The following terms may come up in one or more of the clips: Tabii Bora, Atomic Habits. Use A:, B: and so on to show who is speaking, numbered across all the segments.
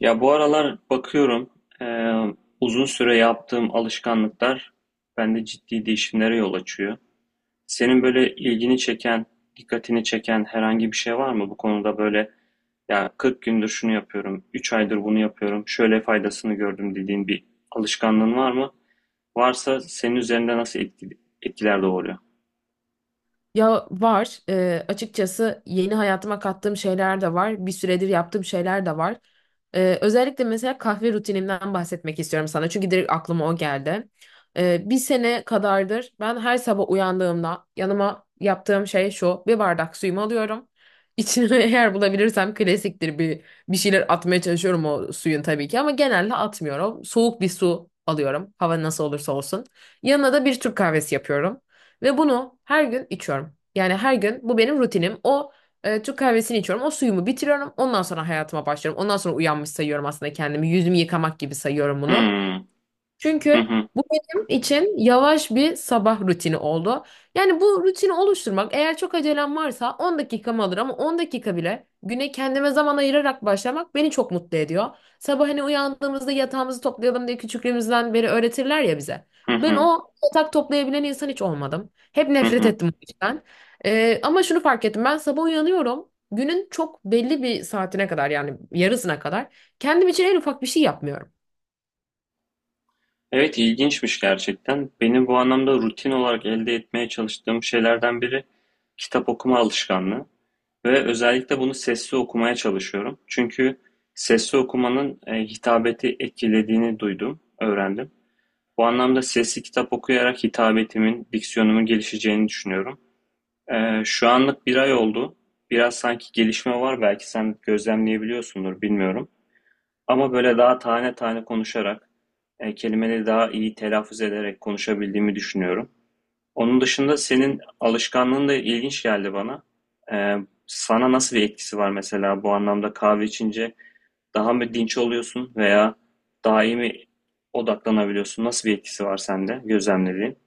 A: Ya bu aralar bakıyorum, eee, uzun süre yaptığım alışkanlıklar bende ciddi değişimlere yol açıyor. Senin böyle ilgini çeken, dikkatini çeken herhangi bir şey var mı bu konuda? Böyle, ya 40 gündür şunu yapıyorum, 3 aydır bunu yapıyorum, şöyle faydasını gördüm dediğin bir alışkanlığın var mı? Varsa senin üzerinde nasıl etkiler doğuruyor?
B: Ya var. Açıkçası yeni hayatıma kattığım şeyler de var. Bir süredir yaptığım şeyler de var. Özellikle mesela kahve rutinimden bahsetmek istiyorum sana. Çünkü direkt aklıma o geldi. Bir sene kadardır ben her sabah uyandığımda yanıma yaptığım şey şu. Bir bardak suyumu alıyorum. İçine eğer bulabilirsem klasiktir bir şeyler atmaya çalışıyorum o suyun tabii ki ama genelde atmıyorum. Soğuk bir su alıyorum. Hava nasıl olursa olsun. Yanına da bir Türk kahvesi yapıyorum. Ve bunu her gün içiyorum. Yani her gün bu benim rutinim. O Türk kahvesini içiyorum. O suyumu bitiriyorum. Ondan sonra hayatıma başlıyorum. Ondan sonra uyanmış sayıyorum aslında kendimi. Yüzümü yıkamak gibi sayıyorum bunu.
A: Hmm. Hı
B: Çünkü
A: hı.
B: bu benim için yavaş bir sabah rutini oldu. Yani bu rutini oluşturmak, eğer çok acelem varsa, 10 dakikamı alır, ama 10 dakika bile güne kendime zaman ayırarak başlamak beni çok mutlu ediyor. Sabah hani uyandığımızda yatağımızı toplayalım diye küçüklüğümüzden beri öğretirler ya bize.
A: Hı
B: Ben
A: hı.
B: o yatak toplayabilen insan hiç olmadım. Hep
A: Hı
B: nefret
A: hı.
B: ettim bu işten. Ama şunu fark ettim, ben sabah uyanıyorum. Günün çok belli bir saatine kadar, yani yarısına kadar, kendim için en ufak bir şey yapmıyorum.
A: Evet, ilginçmiş gerçekten. Benim bu anlamda rutin olarak elde etmeye çalıştığım şeylerden biri kitap okuma alışkanlığı ve özellikle bunu sesli okumaya çalışıyorum. Çünkü sesli okumanın hitabeti etkilediğini duydum, öğrendim. Bu anlamda sesli kitap okuyarak hitabetimin, diksiyonumun gelişeceğini düşünüyorum. Şu anlık bir ay oldu. Biraz sanki gelişme var, belki sen gözlemleyebiliyorsundur, bilmiyorum. Ama böyle daha tane tane konuşarak, kelimeleri daha iyi telaffuz ederek konuşabildiğimi düşünüyorum. Onun dışında senin alışkanlığın da ilginç geldi bana. E, Sana nasıl bir etkisi var mesela bu anlamda? Kahve içince daha mı dinç oluyorsun veya daha iyi mi odaklanabiliyorsun? Nasıl bir etkisi var sende gözlemlediğin?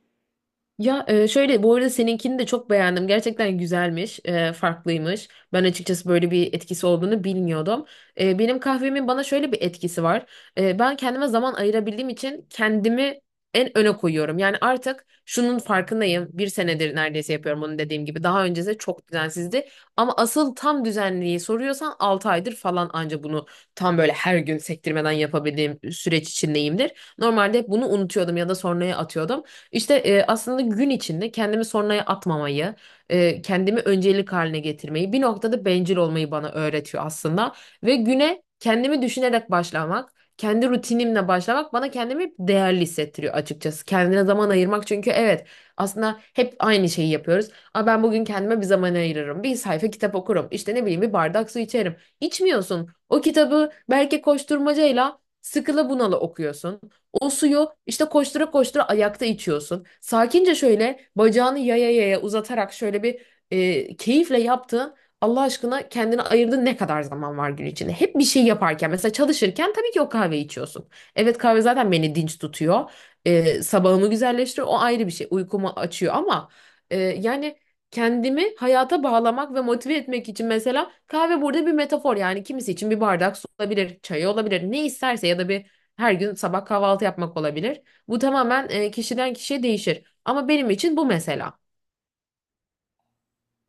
B: Ya şöyle, bu arada seninkini de çok beğendim. Gerçekten güzelmiş, farklıymış. Ben açıkçası böyle bir etkisi olduğunu bilmiyordum. Benim kahvemin bana şöyle bir etkisi var. Ben kendime zaman ayırabildiğim için kendimi en öne koyuyorum. Yani artık şunun farkındayım. Bir senedir neredeyse yapıyorum bunu, dediğim gibi. Daha öncesi de çok düzensizdi. Ama asıl tam düzenliği soruyorsan 6 aydır falan anca bunu tam böyle her gün sektirmeden yapabildiğim süreç içindeyimdir. Normalde hep bunu unutuyordum ya da sonraya atıyordum. İşte aslında gün içinde kendimi sonraya atmamayı, kendimi öncelik haline getirmeyi, bir noktada bencil olmayı bana öğretiyor aslında. Ve güne kendimi düşünerek başlamak, kendi rutinimle başlamak bana kendimi değerli hissettiriyor açıkçası. Kendine zaman ayırmak, çünkü evet, aslında hep aynı şeyi yapıyoruz. Aa, ben bugün kendime bir zaman ayırırım, bir sayfa kitap okurum, İşte ne bileyim bir bardak su içerim. İçmiyorsun. O kitabı belki koşturmacayla, sıkıla bunalı okuyorsun. O suyu işte koştura koştura ayakta içiyorsun. Sakince şöyle bacağını yaya yaya uzatarak şöyle bir keyifle yaptığın, Allah aşkına, kendine ayırdığın ne kadar zaman var gün içinde? Hep bir şey yaparken, mesela çalışırken, tabii ki o kahve içiyorsun. Evet, kahve zaten beni dinç tutuyor. Sabahımı güzelleştiriyor. O ayrı bir şey. Uykumu açıyor, ama yani kendimi hayata bağlamak ve motive etmek için, mesela kahve burada bir metafor, yani kimisi için bir bardak su olabilir, çay olabilir, ne isterse, ya da bir her gün sabah kahvaltı yapmak olabilir. Bu tamamen kişiden kişiye değişir. Ama benim için bu, mesela.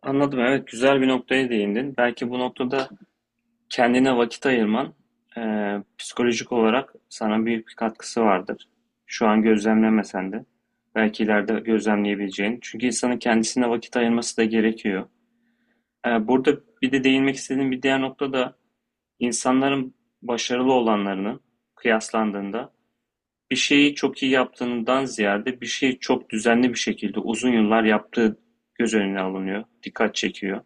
A: Anladım, evet, güzel bir noktaya değindin. Belki bu noktada kendine vakit ayırman, psikolojik olarak sana büyük bir katkısı vardır. Şu an gözlemlemesen de belki ileride gözlemleyebileceğin. Çünkü insanın kendisine vakit ayırması da gerekiyor. Burada bir de değinmek istediğim bir diğer nokta da insanların başarılı olanlarının kıyaslandığında bir şeyi çok iyi yaptığından ziyade bir şeyi çok düzenli bir şekilde uzun yıllar yaptığı göz önüne alınıyor, dikkat çekiyor.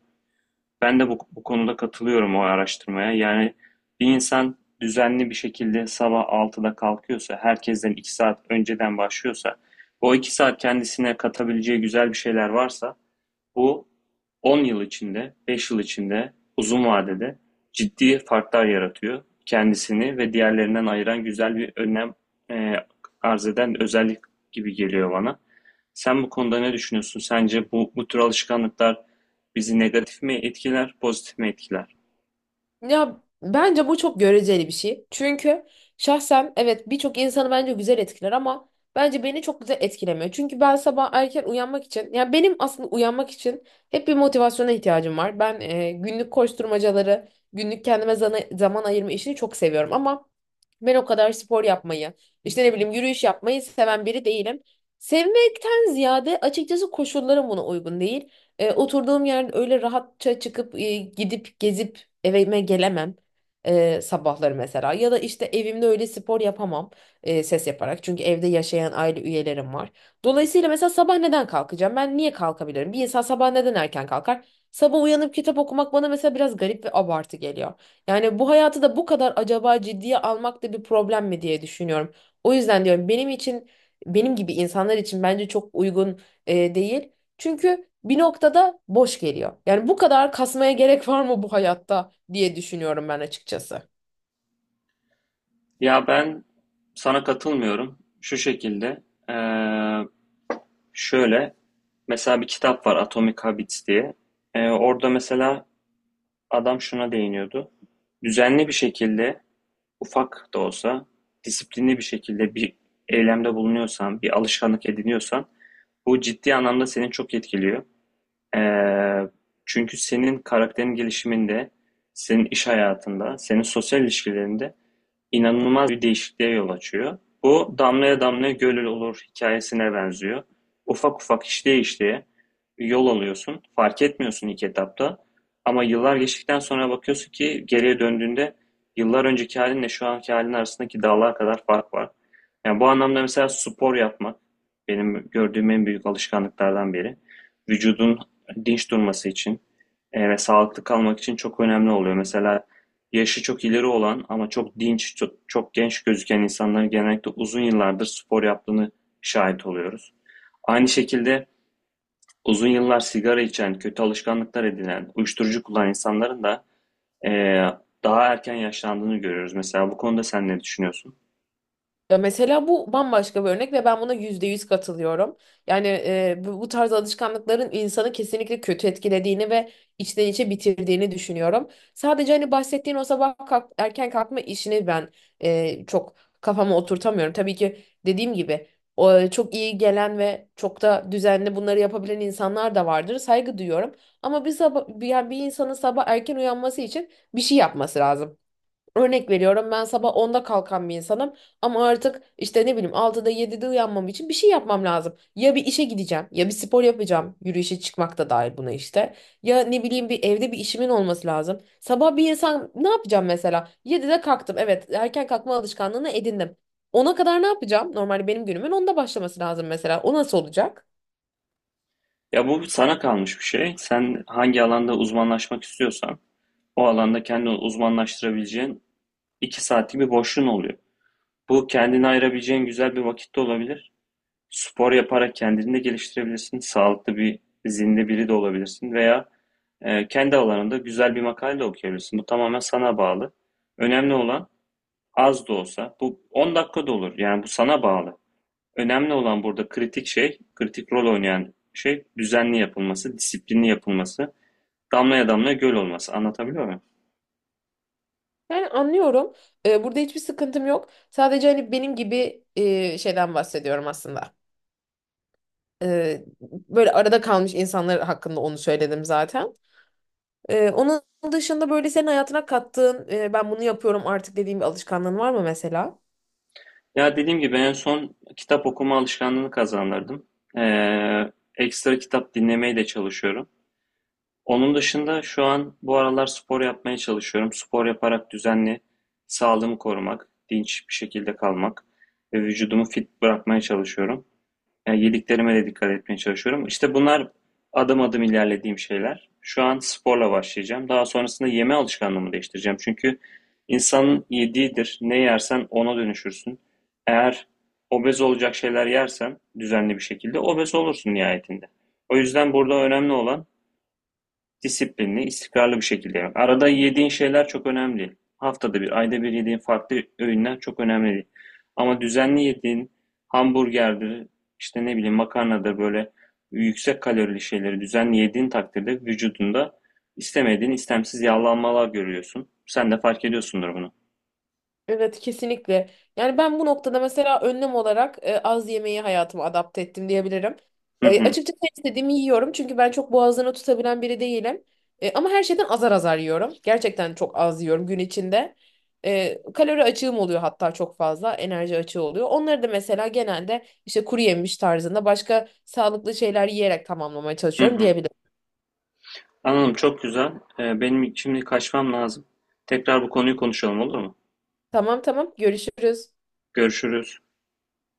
A: Ben de bu konuda katılıyorum o araştırmaya. Yani bir insan düzenli bir şekilde sabah 6'da kalkıyorsa, herkesten 2 saat önceden başlıyorsa, o 2 saat kendisine katabileceği güzel bir şeyler varsa bu, 10 yıl içinde, 5 yıl içinde, uzun vadede ciddi farklar yaratıyor. Kendisini ve diğerlerinden ayıran güzel bir önlem e, arz eden özellik gibi geliyor bana. Sen bu konuda ne düşünüyorsun? Sence bu tür alışkanlıklar bizi negatif mi etkiler, pozitif mi etkiler?
B: Ya bence bu çok göreceli bir şey. Çünkü şahsen evet, birçok insanı bence güzel etkiler, ama bence beni çok güzel etkilemiyor. Çünkü ben sabah erken uyanmak için, ya benim aslında uyanmak için hep bir motivasyona ihtiyacım var. Ben günlük koşturmacaları, günlük kendime zaman ayırma işini çok seviyorum, ama ben o kadar spor yapmayı, işte ne bileyim yürüyüş yapmayı seven biri değilim. Sevmekten ziyade açıkçası koşullarım buna uygun değil. Oturduğum yerde öyle rahatça çıkıp gidip gezip evime gelemem sabahları mesela, ya da işte evimde öyle spor yapamam ses yaparak, çünkü evde yaşayan aile üyelerim var. Dolayısıyla, mesela sabah neden kalkacağım? Ben niye kalkabilirim? Bir insan sabah neden erken kalkar? Sabah uyanıp kitap okumak bana mesela biraz garip ve abartı geliyor. Yani bu hayatı da bu kadar acaba ciddiye almak da bir problem mi diye düşünüyorum. O yüzden diyorum, benim için, benim gibi insanlar için bence çok uygun değil. Çünkü bir noktada boş geliyor. Yani bu kadar kasmaya gerek var mı bu hayatta diye düşünüyorum ben açıkçası.
A: Ya ben sana katılmıyorum. Şu şekilde, e, şöyle, mesela bir kitap var, Atomic Habits diye. Orada mesela adam şuna değiniyordu: düzenli bir şekilde, ufak da olsa, disiplinli bir şekilde bir eylemde bulunuyorsan, bir alışkanlık ediniyorsan, bu ciddi anlamda seni çok etkiliyor. Ee, Çünkü senin karakterin gelişiminde, senin iş hayatında, senin sosyal ilişkilerinde inanılmaz bir değişikliğe yol açıyor. Bu damlaya damlaya göl olur hikayesine benziyor. Ufak ufak, işleye işleye yol alıyorsun. Fark etmiyorsun ilk etapta. Ama yıllar geçtikten sonra bakıyorsun ki, geriye döndüğünde yıllar önceki halinle şu anki halin arasındaki dağlar kadar fark var. Yani bu anlamda mesela spor yapmak benim gördüğüm en büyük alışkanlıklardan biri. Vücudun dinç durması için ve sağlıklı kalmak için çok önemli oluyor. Mesela yaşı çok ileri olan ama çok dinç, çok genç gözüken insanların genellikle uzun yıllardır spor yaptığını şahit oluyoruz. Aynı şekilde uzun yıllar sigara içen, kötü alışkanlıklar edinen, uyuşturucu kullanan insanların da eee, daha erken yaşlandığını görüyoruz. Mesela bu konuda sen ne düşünüyorsun?
B: Ya mesela bu bambaşka bir örnek ve ben buna yüzde yüz katılıyorum. Yani bu tarz alışkanlıkların insanı kesinlikle kötü etkilediğini ve içten içe bitirdiğini düşünüyorum. Sadece hani bahsettiğin o sabah kalk, erken kalkma işini ben çok kafama oturtamıyorum. Tabii ki dediğim gibi, çok iyi gelen ve çok da düzenli bunları yapabilen insanlar da vardır. Saygı duyuyorum. Ama bir sabah, bir, yani bir insanın sabah erken uyanması için bir şey yapması lazım. Örnek veriyorum, ben sabah onda kalkan bir insanım, ama artık işte ne bileyim altıda yedide uyanmam için bir şey yapmam lazım. Ya bir işe gideceğim, ya bir spor yapacağım, yürüyüşe çıkmak da dahil buna işte. Ya ne bileyim bir evde bir işimin olması lazım. Sabah bir insan ne yapacağım mesela? Yedide kalktım, evet, erken kalkma alışkanlığını edindim. Ona kadar ne yapacağım? Normalde benim günümün onda başlaması lazım mesela. O nasıl olacak?
A: Ya bu sana kalmış bir şey. Sen hangi alanda uzmanlaşmak istiyorsan o alanda kendini uzmanlaştırabileceğin 2 saatlik bir boşluğun oluyor. Bu kendini ayırabileceğin güzel bir vakitte olabilir. Spor yaparak kendini de geliştirebilirsin. Sağlıklı bir, zinde biri de olabilirsin veya kendi alanında güzel bir makale de okuyabilirsin. Bu tamamen sana bağlı. Önemli olan az da olsa, bu 10 dakika da olur. Yani bu sana bağlı. Önemli olan, burada kritik şey, kritik rol oynayan şey düzenli yapılması, disiplinli yapılması, damlaya damlaya göl olması. Anlatabiliyor muyum?
B: Yani anlıyorum. Burada hiçbir sıkıntım yok. Sadece hani benim gibi şeyden bahsediyorum aslında. Ee, Böyle arada kalmış insanlar hakkında onu söyledim zaten. Onun dışında böyle senin hayatına kattığın, ben bunu yapıyorum artık dediğin bir alışkanlığın var mı mesela?
A: Ya dediğim gibi en son kitap okuma alışkanlığını kazandırdım. Ekstra kitap dinlemeye de çalışıyorum. Onun dışında şu an bu aralar spor yapmaya çalışıyorum. Spor yaparak düzenli sağlığımı korumak, dinç bir şekilde kalmak ve vücudumu fit bırakmaya çalışıyorum. Yani yediklerime de dikkat etmeye çalışıyorum. İşte bunlar adım adım ilerlediğim şeyler. Şu an sporla başlayacağım. Daha sonrasında yeme alışkanlığımı değiştireceğim. Çünkü insanın yediğidir. Ne yersen ona dönüşürsün. Eğer obez olacak şeyler yersen, düzenli bir şekilde obez olursun nihayetinde. O yüzden burada önemli olan disiplinli, istikrarlı bir şekilde yemek. Arada yediğin şeyler çok önemli Haftada bir, ayda bir yediğin farklı öğünler çok önemli değil. Ama düzenli yediğin hamburgerdir, işte ne bileyim makarnadır, böyle yüksek kalorili şeyleri düzenli yediğin takdirde vücudunda istemediğin, istemsiz yağlanmalar görüyorsun. Sen de fark ediyorsundur bunu.
B: Evet, kesinlikle. Yani ben bu noktada mesela önlem olarak az yemeği hayatıma adapte ettim diyebilirim.
A: Hı hı,
B: Açıkçası ne istediğimi yiyorum, çünkü ben çok boğazını tutabilen biri değilim. Ama her şeyden azar azar yiyorum. Gerçekten çok az yiyorum gün içinde. Kalori açığım oluyor, hatta çok fazla enerji açığı oluyor. Onları da mesela genelde işte kuru yemiş tarzında başka sağlıklı şeyler yiyerek tamamlamaya
A: hı
B: çalışıyorum
A: hı.
B: diyebilirim.
A: Anladım, çok güzel. Benim şimdi kaçmam lazım. Tekrar bu konuyu konuşalım, olur mu?
B: Tamam tamam, görüşürüz.
A: Görüşürüz.